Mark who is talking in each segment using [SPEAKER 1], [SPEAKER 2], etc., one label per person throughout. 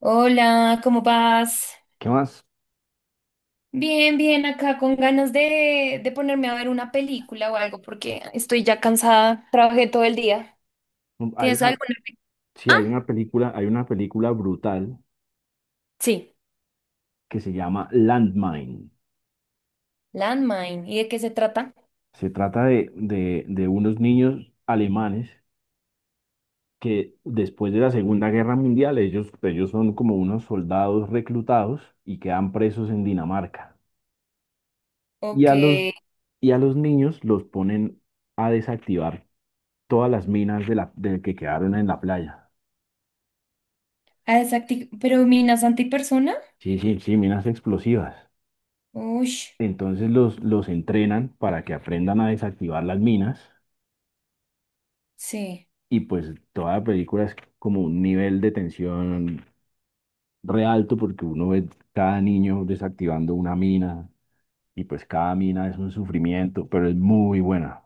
[SPEAKER 1] Hola, ¿cómo vas?
[SPEAKER 2] ¿Qué más?
[SPEAKER 1] Bien, bien, acá con ganas de ponerme a ver una película o algo porque estoy ya cansada, trabajé todo el día.
[SPEAKER 2] Hay
[SPEAKER 1] ¿Tienes
[SPEAKER 2] una,
[SPEAKER 1] alguna?
[SPEAKER 2] sí,
[SPEAKER 1] Ah,
[SPEAKER 2] hay una película brutal
[SPEAKER 1] sí,
[SPEAKER 2] que se llama Landmine.
[SPEAKER 1] Landmine. ¿Y de qué se trata?
[SPEAKER 2] Se trata de unos niños alemanes que después de la Segunda Guerra Mundial, ellos son como unos soldados reclutados y quedan presos en Dinamarca. Y
[SPEAKER 1] Ok.
[SPEAKER 2] a los, y a los niños los ponen a desactivar todas las minas de que quedaron en la playa.
[SPEAKER 1] Ah, ¿Pero minas antipersona?
[SPEAKER 2] Sí, sí, sí, minas explosivas.
[SPEAKER 1] Uy,
[SPEAKER 2] Entonces los entrenan para que aprendan a desactivar las minas.
[SPEAKER 1] sí.
[SPEAKER 2] Y pues toda película es como un nivel de tensión re alto porque uno ve cada niño desactivando una mina y pues cada mina es un sufrimiento, pero es muy buena,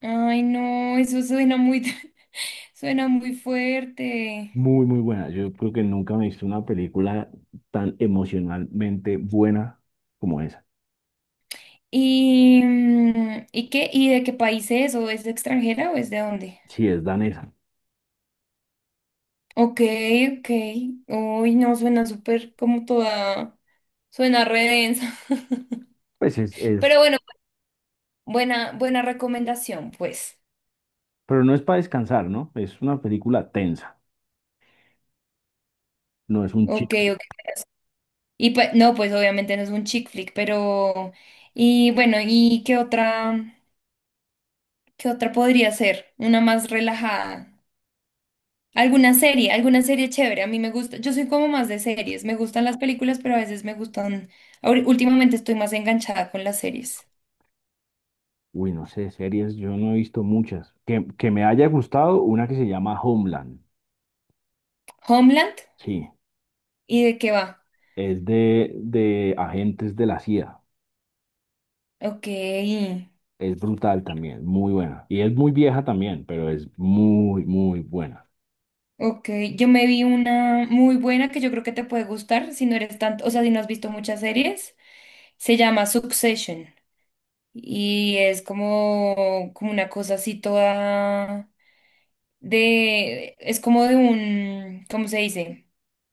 [SPEAKER 1] Ay, no, eso suena muy, suena muy fuerte.
[SPEAKER 2] muy, muy buena. Yo creo que nunca me he visto una película tan emocionalmente buena como esa.
[SPEAKER 1] ¿Y, qué? ¿Y de qué país es? ¿O es de extranjera o es de dónde?
[SPEAKER 2] Si es danesa,
[SPEAKER 1] Ok, ok. Uy, no, suena súper como toda, suena re densa.
[SPEAKER 2] pues es,
[SPEAKER 1] Pero bueno, buena, buena recomendación, pues.
[SPEAKER 2] pero no es para descansar, ¿no? Es una película tensa, no es un
[SPEAKER 1] Ok,
[SPEAKER 2] chico.
[SPEAKER 1] ok. Y pues, no, pues obviamente no es un chick flick, pero, y bueno, ¿y qué otra podría ser? Una más relajada. ¿Alguna serie? ¿Alguna serie chévere? A mí me gusta, yo soy como más de series, me gustan las películas, pero a veces me gustan, últimamente estoy más enganchada con las series.
[SPEAKER 2] Uy, no sé, series, yo no he visto muchas. Que me haya gustado una que se llama Homeland,
[SPEAKER 1] Homeland,
[SPEAKER 2] sí.
[SPEAKER 1] ¿y de qué va?
[SPEAKER 2] Es de agentes de la CIA.
[SPEAKER 1] Ok,
[SPEAKER 2] Es brutal también, muy buena. Y es muy vieja también, pero es muy, muy buena.
[SPEAKER 1] ok. Yo me vi una muy buena que yo creo que te puede gustar si no eres tanto, o sea, si no has visto muchas series. Se llama Succession y es como una cosa así toda de, es como de un, ¿cómo se dice?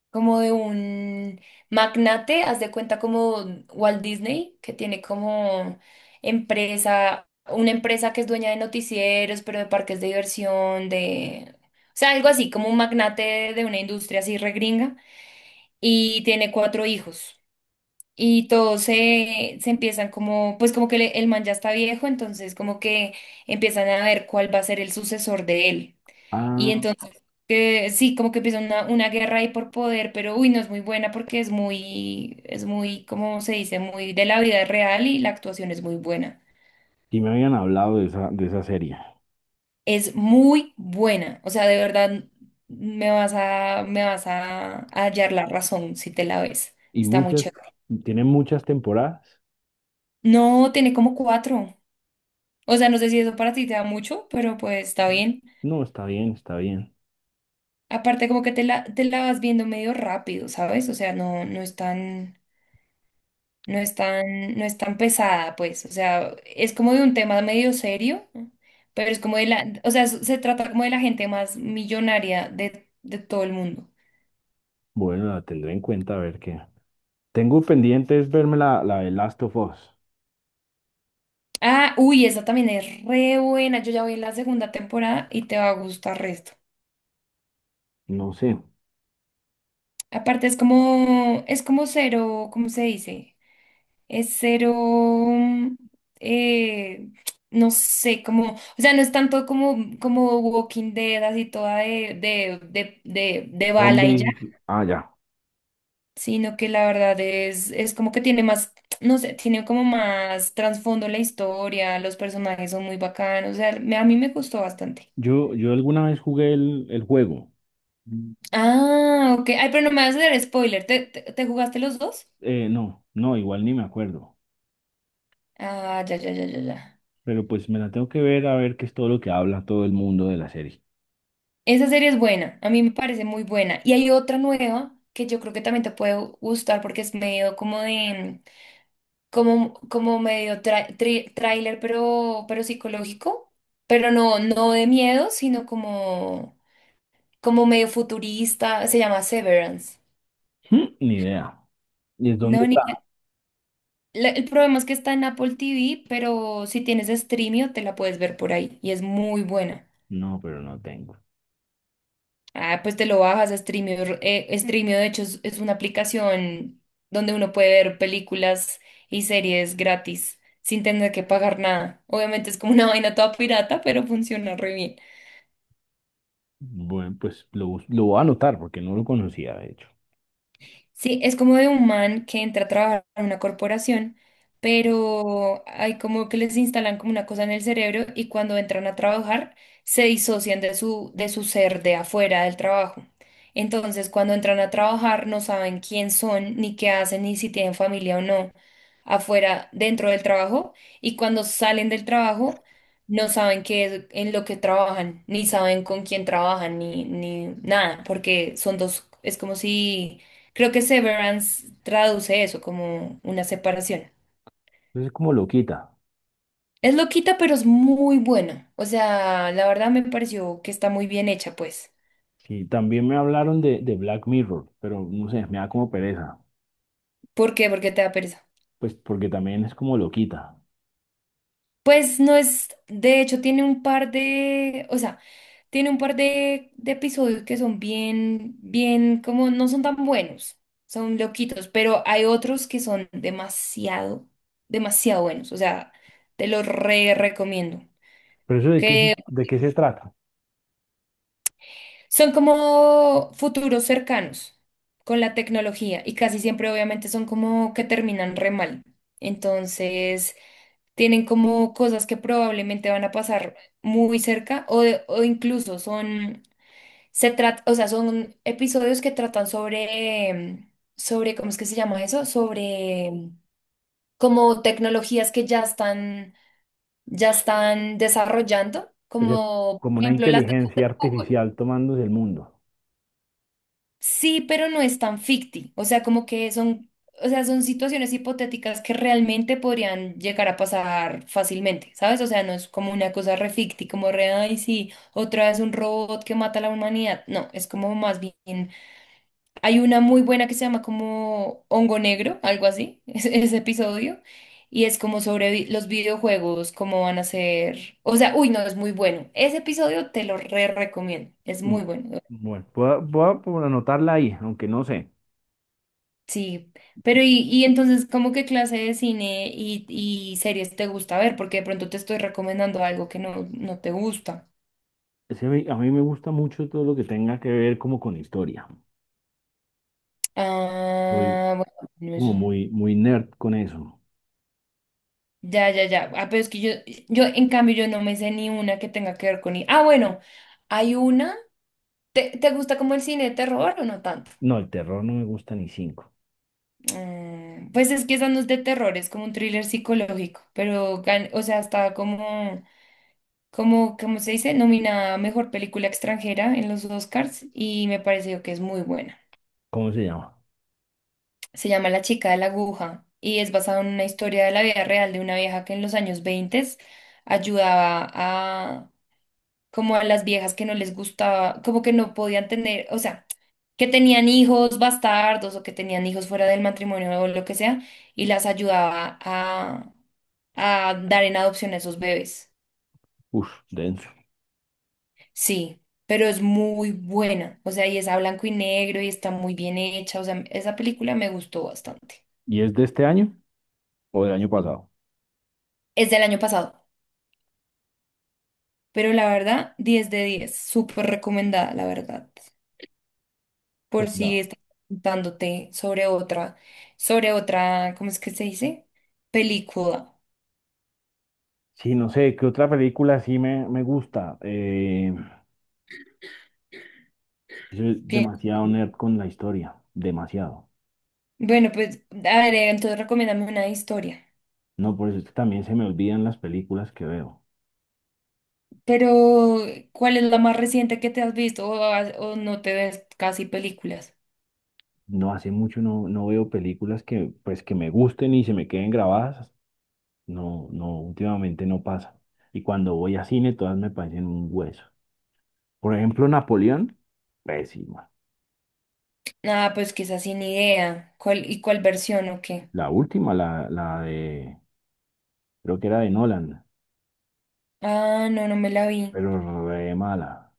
[SPEAKER 1] Como de un magnate, haz de cuenta como Walt Disney, que tiene como empresa, una empresa que es dueña de noticieros, pero de parques de diversión, de... O sea, algo así, como un magnate de una industria así regringa, y tiene cuatro hijos. Y todos se empiezan como, pues como que el man ya está viejo, entonces como que empiezan a ver cuál va a ser el sucesor de él. Y
[SPEAKER 2] Ah,
[SPEAKER 1] entonces, que sí, como que empieza una guerra ahí por poder, pero uy, no es muy buena porque es muy, ¿cómo se dice? Muy de la vida real y la actuación es muy buena.
[SPEAKER 2] y me habían hablado de esa serie.
[SPEAKER 1] Es muy buena. O sea, de verdad me vas a hallar la razón si te la ves.
[SPEAKER 2] Y
[SPEAKER 1] Está muy
[SPEAKER 2] muchas,
[SPEAKER 1] chévere.
[SPEAKER 2] tiene muchas temporadas.
[SPEAKER 1] No, tiene como cuatro. O sea, no sé si eso para ti te da mucho, pero pues está bien.
[SPEAKER 2] No, está bien, está bien.
[SPEAKER 1] Aparte, como que te la vas viendo medio rápido, ¿sabes? O sea, no, no es tan no es tan, no es tan pesada, pues, o sea, es como de un tema medio serio, ¿no? Pero es como de la, o sea, se trata como de la gente más millonaria de todo el mundo.
[SPEAKER 2] Bueno, la tendré en cuenta a ver qué. Tengo pendiente es verme la de Last of Us.
[SPEAKER 1] Ah, uy, esa también es re buena, yo ya voy en la segunda temporada y te va a gustar resto.
[SPEAKER 2] No sé.
[SPEAKER 1] Aparte es como, cero, ¿cómo se dice? Es cero, eh, no sé, como, o sea, no es tanto como Walking Dead, así toda de, de bala y ya.
[SPEAKER 2] Zombies. Ah, ya.
[SPEAKER 1] Sino que la verdad es como que tiene más, no sé, tiene como más trasfondo la historia, los personajes son muy bacanos, o sea, a mí me gustó bastante.
[SPEAKER 2] Yo alguna vez jugué el juego.
[SPEAKER 1] Ah, ok, ay, pero no me vas a hacer spoiler, ¿te jugaste los dos?
[SPEAKER 2] No, Igual ni me acuerdo.
[SPEAKER 1] Ah, ya, ya, ya, ya, ya.
[SPEAKER 2] Pero pues me la tengo que ver a ver qué es todo lo que habla todo el mundo de la serie.
[SPEAKER 1] Esa serie es buena, a mí me parece muy buena. Y hay otra nueva que yo creo que también te puede gustar porque es medio como de, como medio tráiler, pero psicológico. Pero no, no de miedo, sino como como medio futurista, se llama Severance.
[SPEAKER 2] Mm, ni idea. ¿Y es dónde
[SPEAKER 1] No, ni
[SPEAKER 2] está?
[SPEAKER 1] el problema es que está en Apple TV, pero si tienes Streamio te la puedes ver por ahí y es muy buena.
[SPEAKER 2] No, pero no tengo.
[SPEAKER 1] Ah, pues te lo bajas a Streamio. Streamio, de hecho, es una aplicación donde uno puede ver películas y series gratis sin tener que pagar nada. Obviamente es como una vaina toda pirata, pero funciona re bien.
[SPEAKER 2] Bueno, pues lo, bus- lo voy a anotar porque no lo conocía, de hecho.
[SPEAKER 1] Sí, es como de un man que entra a trabajar en una corporación, pero hay como que les instalan como una cosa en el cerebro y cuando entran a trabajar se disocian de su ser de afuera del trabajo. Entonces, cuando entran a trabajar no saben quién son, ni qué hacen, ni si tienen familia o no afuera, dentro del trabajo, y cuando salen del trabajo no saben qué es en lo que trabajan, ni saben con quién trabajan, ni nada, porque son dos, es como si creo que Severance traduce eso como una separación.
[SPEAKER 2] Entonces es como loquita.
[SPEAKER 1] Es loquita, pero es muy buena. O sea, la verdad me pareció que está muy bien hecha, pues.
[SPEAKER 2] Sí, también me hablaron de Black Mirror, pero no sé, me da como pereza.
[SPEAKER 1] ¿Por qué? Porque te da pereza.
[SPEAKER 2] Pues porque también es como loquita.
[SPEAKER 1] Pues no es, de hecho, tiene un par de, o sea, tiene un par de episodios que son bien, bien, como no son tan buenos, son loquitos, pero hay otros que son demasiado, demasiado buenos. O sea, te los re recomiendo.
[SPEAKER 2] ¿Pero eso
[SPEAKER 1] Que
[SPEAKER 2] de qué se trata?
[SPEAKER 1] son como futuros cercanos con la tecnología y casi siempre obviamente son como que terminan re mal. Entonces tienen como cosas que probablemente van a pasar muy cerca o, de- o incluso son, se trata, o sea, son episodios que tratan sobre, ¿cómo es que se llama eso? Sobre como tecnologías que ya están desarrollando,
[SPEAKER 2] O sea,
[SPEAKER 1] como por
[SPEAKER 2] como una
[SPEAKER 1] ejemplo las...
[SPEAKER 2] inteligencia artificial tomándose el mundo.
[SPEAKER 1] Sí, pero no es tan ficti. O sea, como que son, o sea, son situaciones hipotéticas que realmente podrían llegar a pasar fácilmente, ¿sabes? O sea, no es como una cosa re ficti, como re, ay, sí, otra vez un robot que mata a la humanidad. No, es como más bien. Hay una muy buena que se llama como Hongo Negro, algo así, ese episodio. Y es como sobre los videojuegos, cómo van a ser. O sea, uy, no, es muy bueno. Ese episodio te lo re recomiendo. Es muy
[SPEAKER 2] Mm,
[SPEAKER 1] bueno.
[SPEAKER 2] Bueno, voy a por anotarla ahí, aunque no sé.
[SPEAKER 1] Sí, pero y entonces, ¿cómo qué clase de cine y series te gusta ver? Porque de pronto te estoy recomendando algo que no te gusta.
[SPEAKER 2] Sí, a mí me gusta mucho todo lo que tenga que ver como con historia. Soy
[SPEAKER 1] Ah, bueno, no
[SPEAKER 2] como
[SPEAKER 1] eso.
[SPEAKER 2] muy, muy nerd con eso.
[SPEAKER 1] Ya, ya, ya. Ah, pero es que yo, en cambio, yo no me sé ni una que tenga que ver con... i- Ah, bueno, hay una. ¿Te gusta como el cine de terror o no tanto?
[SPEAKER 2] No, el terror no me gusta ni cinco.
[SPEAKER 1] Mm, pues es que esa no es de terror, es como un thriller psicológico, pero, o sea, está como... como, como se dice, nominada a Mejor Película Extranjera en los Oscars y me pareció que es muy buena.
[SPEAKER 2] ¿Cómo se llama?
[SPEAKER 1] Se llama La chica de la aguja y es basada en una historia de la vida real de una vieja que en los años 20 ayudaba a como a las viejas que no les gustaba, como que no podían tener, o sea, que tenían hijos bastardos o que tenían hijos fuera del matrimonio o lo que sea y las ayudaba a dar en adopción a esos bebés.
[SPEAKER 2] Uf, denso.
[SPEAKER 1] Sí, pero es muy buena. O sea, y es a blanco y negro y está muy bien hecha. O sea, esa película me gustó bastante.
[SPEAKER 2] ¿Y es de este año o del año pasado?
[SPEAKER 1] Es del año pasado, pero la verdad, 10 de 10, súper recomendada, la verdad.
[SPEAKER 2] Pues
[SPEAKER 1] Por si
[SPEAKER 2] la...
[SPEAKER 1] estás preguntándote sobre otra, ¿cómo es que se dice? Película.
[SPEAKER 2] Sí, no sé, ¿qué otra película sí me gusta? Soy
[SPEAKER 1] Bien.
[SPEAKER 2] demasiado nerd con la historia, demasiado.
[SPEAKER 1] Bueno, pues, a ver, entonces recomiéndame una historia.
[SPEAKER 2] No, por eso es que también se me olvidan las películas que veo.
[SPEAKER 1] Pero, ¿cuál es la más reciente que te has visto? O, has- o no te ves casi películas.
[SPEAKER 2] No hace mucho no, no veo películas que, pues, que me gusten y se me queden grabadas. No, no, últimamente no pasa. Y cuando voy a cine, todas me parecen un hueso. Por ejemplo, Napoleón, pésima.
[SPEAKER 1] Ah, pues quizás sin idea. ¿Cuál, y cuál versión o qué?
[SPEAKER 2] La última, la de, creo que era de Nolan,
[SPEAKER 1] Ah, no, no me la vi.
[SPEAKER 2] pero re mala.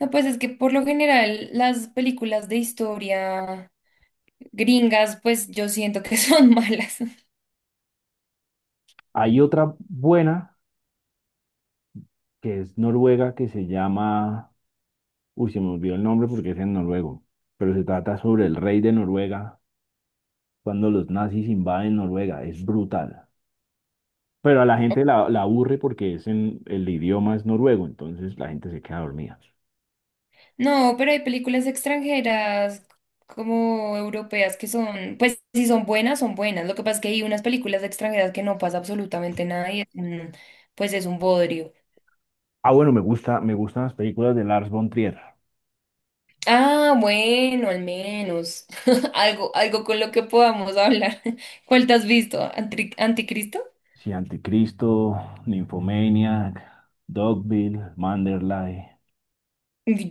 [SPEAKER 1] No, pues es que por lo general las películas de historia gringas, pues yo siento que son malas.
[SPEAKER 2] Hay otra buena, que es noruega, que se llama, uy, se me olvidó el nombre porque es en noruego, pero se trata sobre el rey de Noruega cuando los nazis invaden Noruega. Es brutal. Pero a la gente la aburre porque es en, el idioma es noruego, entonces la gente se queda dormida.
[SPEAKER 1] No, pero hay películas extranjeras como europeas que son, pues si son buenas, son buenas. Lo que pasa es que hay unas películas extranjeras que no pasa absolutamente nada y pues es un bodrio.
[SPEAKER 2] Ah, bueno, me gusta, me gustan las películas de Lars von Trier.
[SPEAKER 1] Ah, bueno, al menos. Algo, algo con lo que podamos hablar. ¿Cuál te has visto? ¿Anticristo?
[SPEAKER 2] Sí, Anticristo, Nymphomaniac, Dogville, Manderley.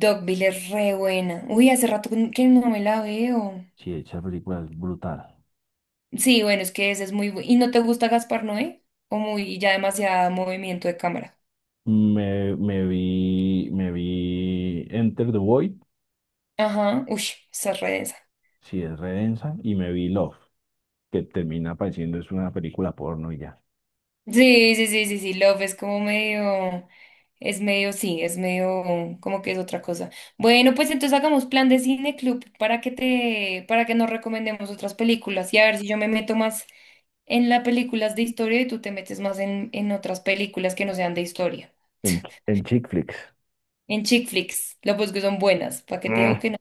[SPEAKER 1] Dogville es re buena. Uy, hace rato que no me la veo.
[SPEAKER 2] Sí, esa película es brutal.
[SPEAKER 1] Sí, bueno, es que ese es muy bueno. ¿Y no te gusta Gaspar Noé? O muy, ya demasiado movimiento de cámara.
[SPEAKER 2] Me vi Enter the Void,
[SPEAKER 1] Ajá, uy, esa es re densa.
[SPEAKER 2] si es redensa, y me vi Love, que termina pareciendo es una película porno y ya.
[SPEAKER 1] Sí, sí, sí, sí, sí, Love es como medio, es medio, sí, es medio, como que es otra cosa. Bueno, pues entonces hagamos plan de cine club para que te, para que nos recomendemos otras películas y a ver si yo me meto más en las películas de historia y tú te metes más en otras películas que no sean de historia.
[SPEAKER 2] En, en chick flicks.
[SPEAKER 1] En chick flicks, lo pues que son buenas, ¿para qué te digo
[SPEAKER 2] Mm,
[SPEAKER 1] que no?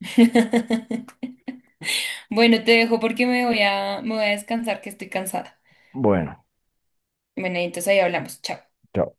[SPEAKER 1] Bueno, te dejo porque me voy a descansar que estoy cansada.
[SPEAKER 2] Bueno,
[SPEAKER 1] Bueno, entonces ahí hablamos, chao.
[SPEAKER 2] chao.